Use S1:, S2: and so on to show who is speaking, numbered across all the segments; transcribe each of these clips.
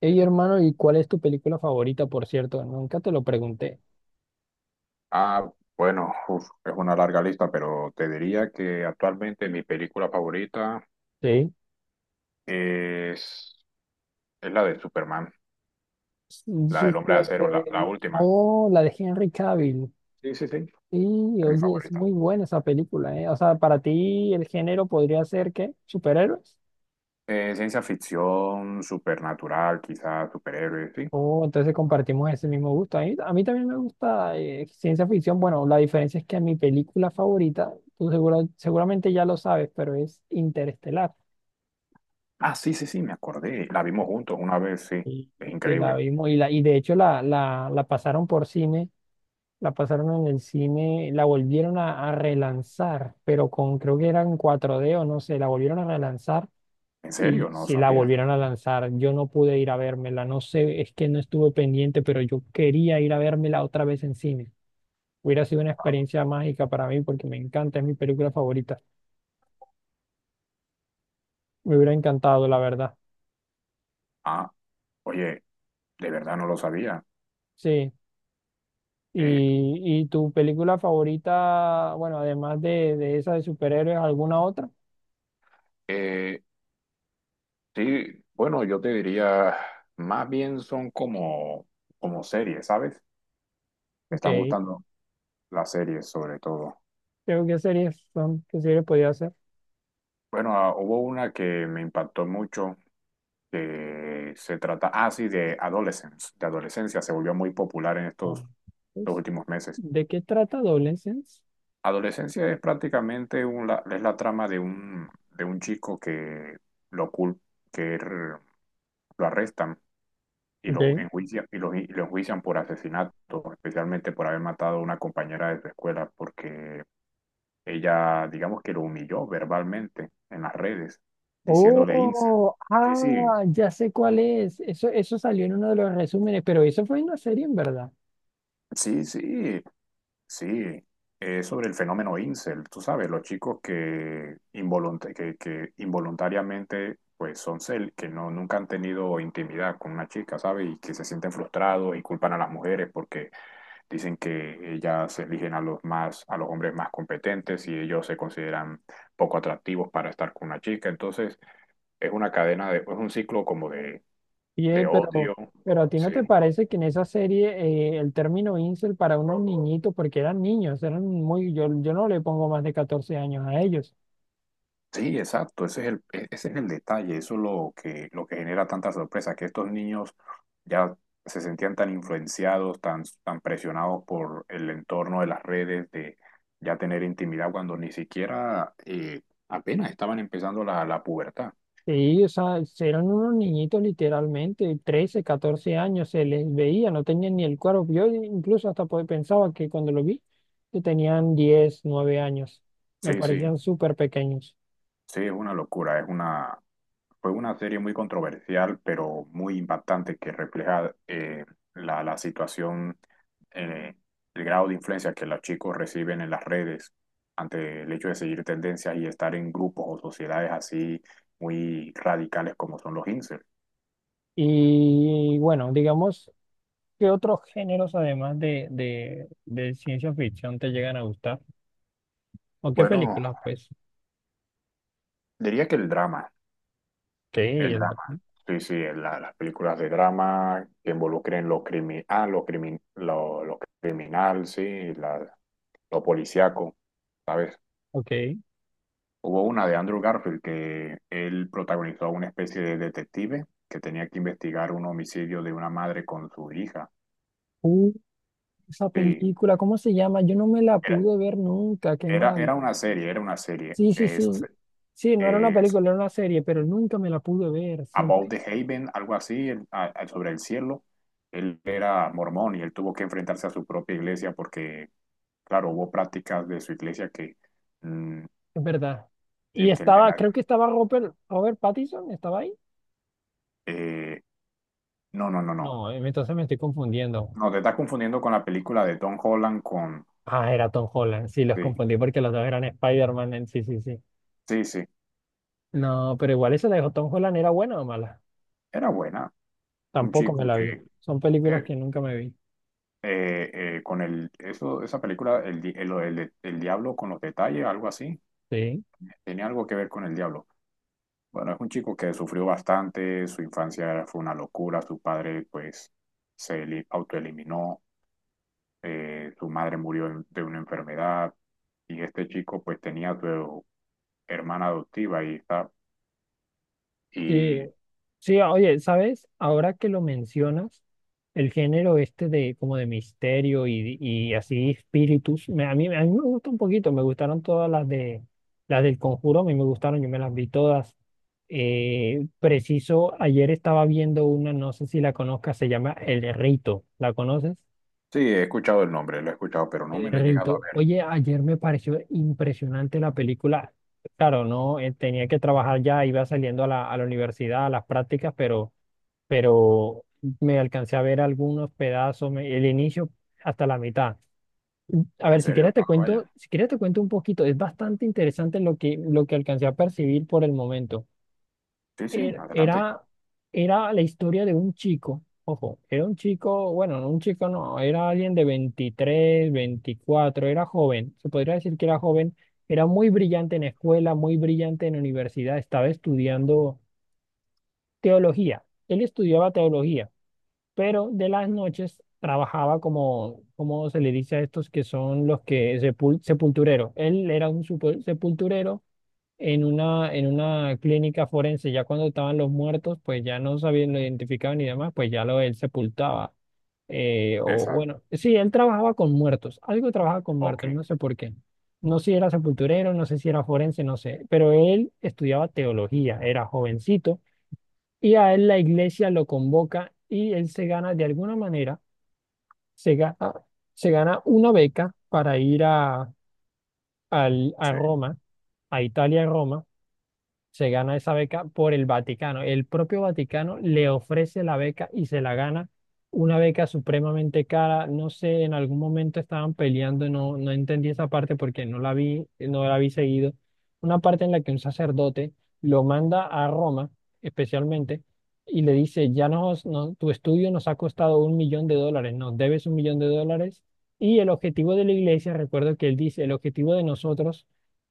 S1: Hey hermano, ¿y cuál es tu película favorita, por cierto? Nunca te lo pregunté.
S2: Ah, bueno, es una larga lista, pero te diría que actualmente mi película favorita
S1: Sí.
S2: es, es la de Superman,
S1: Mm,
S2: la del Hombre de
S1: Súper.
S2: Acero, la última.
S1: Oh, la de Henry Cavill.
S2: Sí, sí, sí.
S1: Sí,
S2: Es mi
S1: oye, es
S2: favorita.
S1: muy buena esa película, ¿eh? O sea, para ti el género podría ser ¿qué? ¿Superhéroes?
S2: Ciencia ficción, supernatural, quizás superhéroes, sí.
S1: Oh, entonces compartimos ese mismo gusto. A mí también me gusta ciencia ficción. Bueno, la diferencia es que mi película favorita, tú seguramente ya lo sabes, pero es Interestelar.
S2: Ah, sí, sí, sí, me acordé. La vimos juntos una vez, sí.
S1: Y
S2: Es
S1: y que la
S2: increíble.
S1: vimos y de hecho la pasaron por cine. La pasaron en el cine, la volvieron a relanzar, pero con creo que era en 4D o no sé, la volvieron a relanzar
S2: ¿En
S1: y
S2: serio? No lo
S1: si la
S2: sabía.
S1: volvieron a lanzar. Yo no pude ir a vérmela, no sé, es que no estuve pendiente, pero yo quería ir a vérmela otra vez en cine. Hubiera sido una experiencia mágica para mí porque me encanta, es mi película favorita. Me hubiera encantado, la verdad.
S2: Ah, oye, de verdad no lo sabía.
S1: Sí.
S2: Eh,
S1: ¿Y tu película favorita, bueno, de esa de superhéroes, ¿alguna otra?
S2: eh, Sí, bueno, yo te diría, más bien son como, como series, ¿sabes? Me
S1: Ok,
S2: están gustando las series sobre todo.
S1: creo que series son, qué series podía hacer.
S2: Bueno, hubo una que me impactó mucho, que se trata, ah, sí, de Adolescence, de adolescencia, se volvió muy popular en
S1: Ah,
S2: estos, los
S1: pues,
S2: últimos meses.
S1: ¿de qué trata Adolescence?
S2: Adolescencia es prácticamente es la trama de un chico que lo, cul- que er- lo arrestan y
S1: Ok.
S2: los enjuician, y los, y lo enjuician por asesinato, especialmente por haber matado a una compañera de su escuela, porque ella, digamos que lo humilló verbalmente en las redes, diciéndole incel.
S1: Oh,
S2: Sí, sí,
S1: ah, ya sé cuál es. Eso salió en uno de los resúmenes, pero eso fue una serie en verdad.
S2: sí, sí, sí. Es sobre el fenómeno incel, tú sabes, los chicos que involuntariamente pues son cel, que no, nunca han tenido intimidad con una chica, ¿sabes? Y que se sienten frustrados y culpan a las mujeres porque dicen que ellas eligen a los más, a los hombres más competentes y ellos se consideran poco atractivos para estar con una chica. Entonces, es una cadena de, es un ciclo como de
S1: Oye,
S2: odio.
S1: pero a ti no
S2: Sí.
S1: te parece que en esa serie el término incel para unos niñitos, porque eran niños, eran muy, yo no le pongo más de 14 años a ellos.
S2: Sí, exacto. Ese es ese es el detalle. Eso es lo que genera tanta sorpresa, que estos niños ya se sentían tan influenciados, tan, tan presionados por el entorno de las redes, de ya tener intimidad cuando ni siquiera apenas estaban empezando la pubertad.
S1: Sí, o sea, eran unos niñitos literalmente, 13, 14 años, se les veía, no tenían ni el cuerpo. Yo incluso hasta pensaba que cuando lo vi, que tenían 10, 9 años. Me
S2: Sí, sí.
S1: parecían súper pequeños.
S2: Sí, es una locura, fue una serie muy controversial, pero muy impactante que refleja la situación, eh, el grado de influencia que los chicos reciben en las redes ante el hecho de seguir tendencias y estar en grupos o sociedades así muy radicales como son los incels.
S1: Y bueno, digamos, ¿qué otros géneros de ciencia ficción te llegan a gustar? ¿O qué
S2: Bueno,
S1: películas, pues?
S2: diría que el drama,
S1: Ok,
S2: el
S1: el-
S2: drama. Sí, sí, las películas de drama que involucren lo criminal, sí, la, lo policíaco, ¿sabes?
S1: ok.
S2: Hubo una de Andrew Garfield que él protagonizó a una especie de detective que tenía que investigar un homicidio de una madre con su hija.
S1: Uh, esa
S2: Sí,
S1: película, ¿cómo se llama? Yo no me la
S2: era,
S1: pude ver nunca, qué mal.
S2: era una serie, era una serie.
S1: Sí, sí, sí. Sí, no era una
S2: Es
S1: película, era una serie, pero nunca me la pude ver,
S2: About
S1: siempre,
S2: the Haven, algo así, sobre el cielo. Él era mormón y él tuvo que enfrentarse a su propia iglesia porque, claro, hubo prácticas de su iglesia que... mm,
S1: es verdad. Y
S2: de que en
S1: estaba,
S2: la-
S1: creo que estaba Robert Pattinson, ¿estaba ahí?
S2: eh, no, no, no, no.
S1: No, entonces me estoy confundiendo.
S2: No, te estás confundiendo con la película de Tom Holland con...
S1: Ah, era Tom Holland, sí, los
S2: Sí.
S1: confundí porque los dos eran Spider-Man, sí, sí, sí.
S2: Sí, sí,
S1: No, pero igual esa de Tom Holland, ¿era buena o mala?
S2: era buena, un
S1: Tampoco me
S2: chico
S1: la vi.
S2: que
S1: Son películas
S2: eh,
S1: que nunca me vi.
S2: eh, con el, eso, esa película, el, di- el diablo con los detalles, algo así,
S1: Sí.
S2: tenía algo que ver con el diablo. Bueno, es un chico que sufrió bastante, su infancia fue una locura, su padre pues autoeliminó, su madre murió de una enfermedad y este chico pues tenía a su hermana adoptiva y está,
S1: Sí,
S2: y
S1: sí, oye, ¿sabes? Ahora que lo mencionas, el género este de como de misterio y así espíritus, a mí me gusta un poquito, me gustaron todas las de las del Conjuro, a mí me gustaron, yo me las vi todas. Preciso, ayer estaba viendo una, no sé si la conozcas, se llama El Rito, ¿la conoces?
S2: sí, he escuchado el nombre, lo he escuchado, pero no
S1: El
S2: me lo he llegado a
S1: Rito.
S2: ver.
S1: Oye, ayer me pareció impresionante la película. Claro, no, tenía que trabajar ya, iba saliendo a la universidad, a las prácticas, pero pero me alcancé a ver algunos pedazos, el inicio hasta la mitad. A
S2: ¿En
S1: ver,
S2: serio? Ah, vaya.
S1: si quieres te cuento un poquito, es bastante interesante lo que alcancé a percibir por el momento.
S2: Sí, sí,
S1: Era,
S2: adelante.
S1: era, era la historia de un chico, ojo, era un chico, bueno, no un chico, no, era alguien de 23 veinticuatro, era joven, se podría decir que era joven, era muy brillante en escuela, muy brillante en universidad, estaba estudiando teología, él estudiaba teología, pero de las noches trabajaba como, como se le dice a estos que son los que sepultureros. Él era un sepulturero en una clínica forense. Ya cuando estaban los muertos, pues ya no sabían, lo identificaban y demás, pues ya lo él sepultaba. O
S2: Esa.
S1: bueno, sí, él trabajaba con muertos, algo trabajaba con
S2: Ok,
S1: muertos, no sé por qué. No sé si era sepulturero, no sé si era forense, no sé, pero él estudiaba teología, era jovencito y a él la iglesia lo convoca y él se gana de alguna manera se gana, se gana una beca para ir a
S2: sí.
S1: Roma, a Italia, Roma, se gana esa beca por el Vaticano. El propio Vaticano le ofrece la beca y se la gana. Una beca supremamente cara. No sé, en algún momento estaban peleando, no, no entendí esa parte porque no la vi, no la vi seguido. Una parte en la que un sacerdote lo manda a Roma, especialmente, y le dice, ya nos, no, tu estudio nos ha costado un millón de dólares, nos debes un millón de dólares. Y el objetivo de la iglesia, recuerdo que él dice, el objetivo de nosotros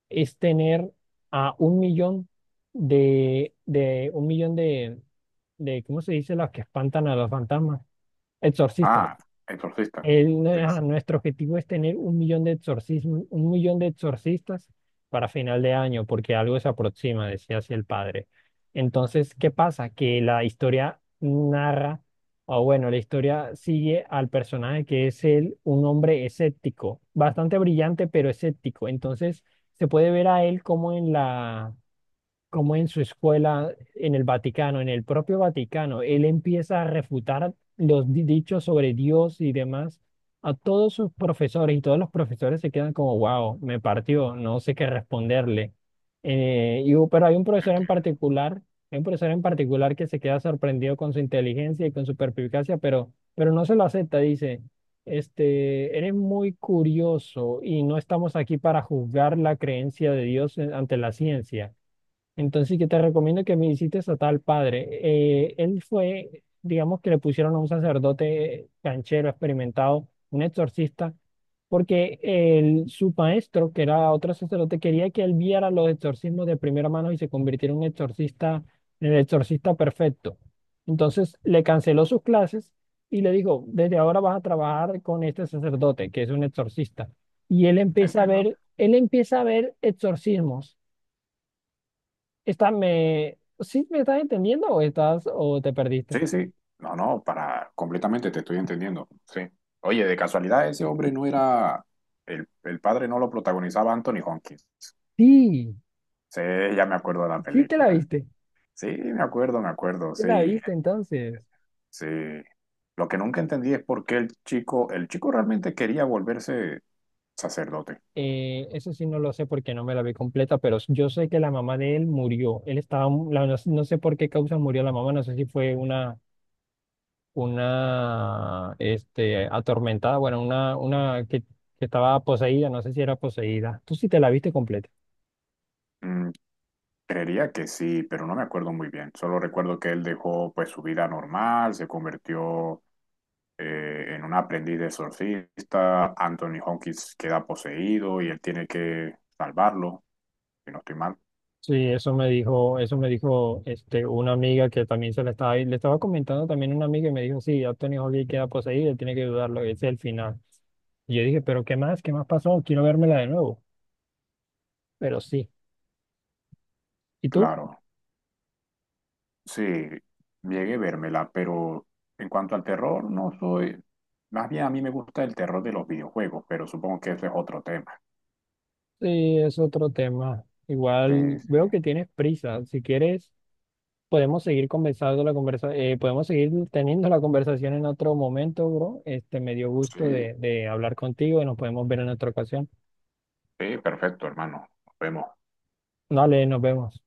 S1: es tener a un millón de, de un millón de, de ¿cómo se dice? Los que espantan a los fantasmas. Exorcistas.
S2: Ah, exorcista. Sí,
S1: Ajá,
S2: sí,
S1: nuestro objetivo es tener un millón de exorcismos, un millón de exorcistas para final de año, porque algo se aproxima, decía así el padre. Entonces, ¿qué pasa? Que la historia narra, o bueno, la historia sigue al personaje que es él, un hombre escéptico, bastante brillante, pero escéptico. Entonces, se puede ver a él como en la como en su escuela, en el Vaticano, en el propio Vaticano, él empieza a refutar los dichos sobre Dios y demás a todos sus profesores y todos los profesores se quedan como, wow, me partió, no sé qué responderle. Pero hay un profesor en particular, hay un profesor en particular que se queda sorprendido con su inteligencia y con su perspicacia, pero no se lo acepta, dice. Este, eres muy curioso y no estamos aquí para juzgar la creencia de Dios ante la ciencia. Entonces yo te recomiendo que visites a tal padre. Él fue, digamos que le pusieron a un sacerdote canchero, experimentado, un exorcista, porque su maestro, que era otro sacerdote, quería que él viera los exorcismos de primera mano y se convirtiera en un exorcista, en el exorcista perfecto. Entonces le canceló sus clases y le dijo, desde ahora vas a trabajar con este sacerdote, que es un exorcista. Y él empieza a
S2: entiendo.
S1: ver, él empieza a ver exorcismos. Está, me, ¿sí me estás entendiendo o estás o te perdiste?
S2: Sí, sí. No, no, para completamente te estoy entendiendo. Sí. Oye, de casualidad ese hombre no era el padre no lo protagonizaba Anthony Hopkins.
S1: Sí,
S2: Sí, ya me acuerdo de la
S1: sí
S2: película. Sí, me acuerdo,
S1: te la
S2: sí,
S1: viste entonces.
S2: sí. Lo que nunca entendí es por qué el chico realmente quería volverse sacerdote.
S1: Eso sí no lo sé porque no me la vi completa, pero yo sé que la mamá de él murió. Él estaba, no, no sé por qué causa murió la mamá, no sé si fue una este, atormentada, bueno, una que estaba poseída, no sé si era poseída. Tú sí te la viste completa.
S2: Mm, creería que sí, pero no me acuerdo muy bien. Solo recuerdo que él dejó pues su vida normal, se convirtió en un aprendiz de exorcista, Anthony Hopkins queda poseído y él tiene que salvarlo, si no estoy mal.
S1: Sí, eso me dijo este, una amiga que también se le estaba comentando también una amiga y me dijo, sí, Anthony Hopkins queda poseído, tiene que dudarlo, ese es el final. Y yo dije, pero ¿qué más? ¿Qué más pasó? Quiero vérmela de nuevo. Pero sí. ¿Y tú?
S2: Claro, sí, llegué a vérmela, pero en cuanto al terror, no soy. Más bien a mí me gusta el terror de los videojuegos, pero supongo que ese es otro tema.
S1: Sí, es otro tema.
S2: Sí,
S1: Igual
S2: sí,
S1: veo que tienes prisa. Si quieres, podemos seguir conversando la conversa, podemos seguir teniendo la conversación en otro momento, bro. Este, me dio gusto
S2: sí,
S1: de hablar contigo y nos podemos ver en otra ocasión.
S2: sí, perfecto, hermano. Nos vemos.
S1: Dale, nos vemos.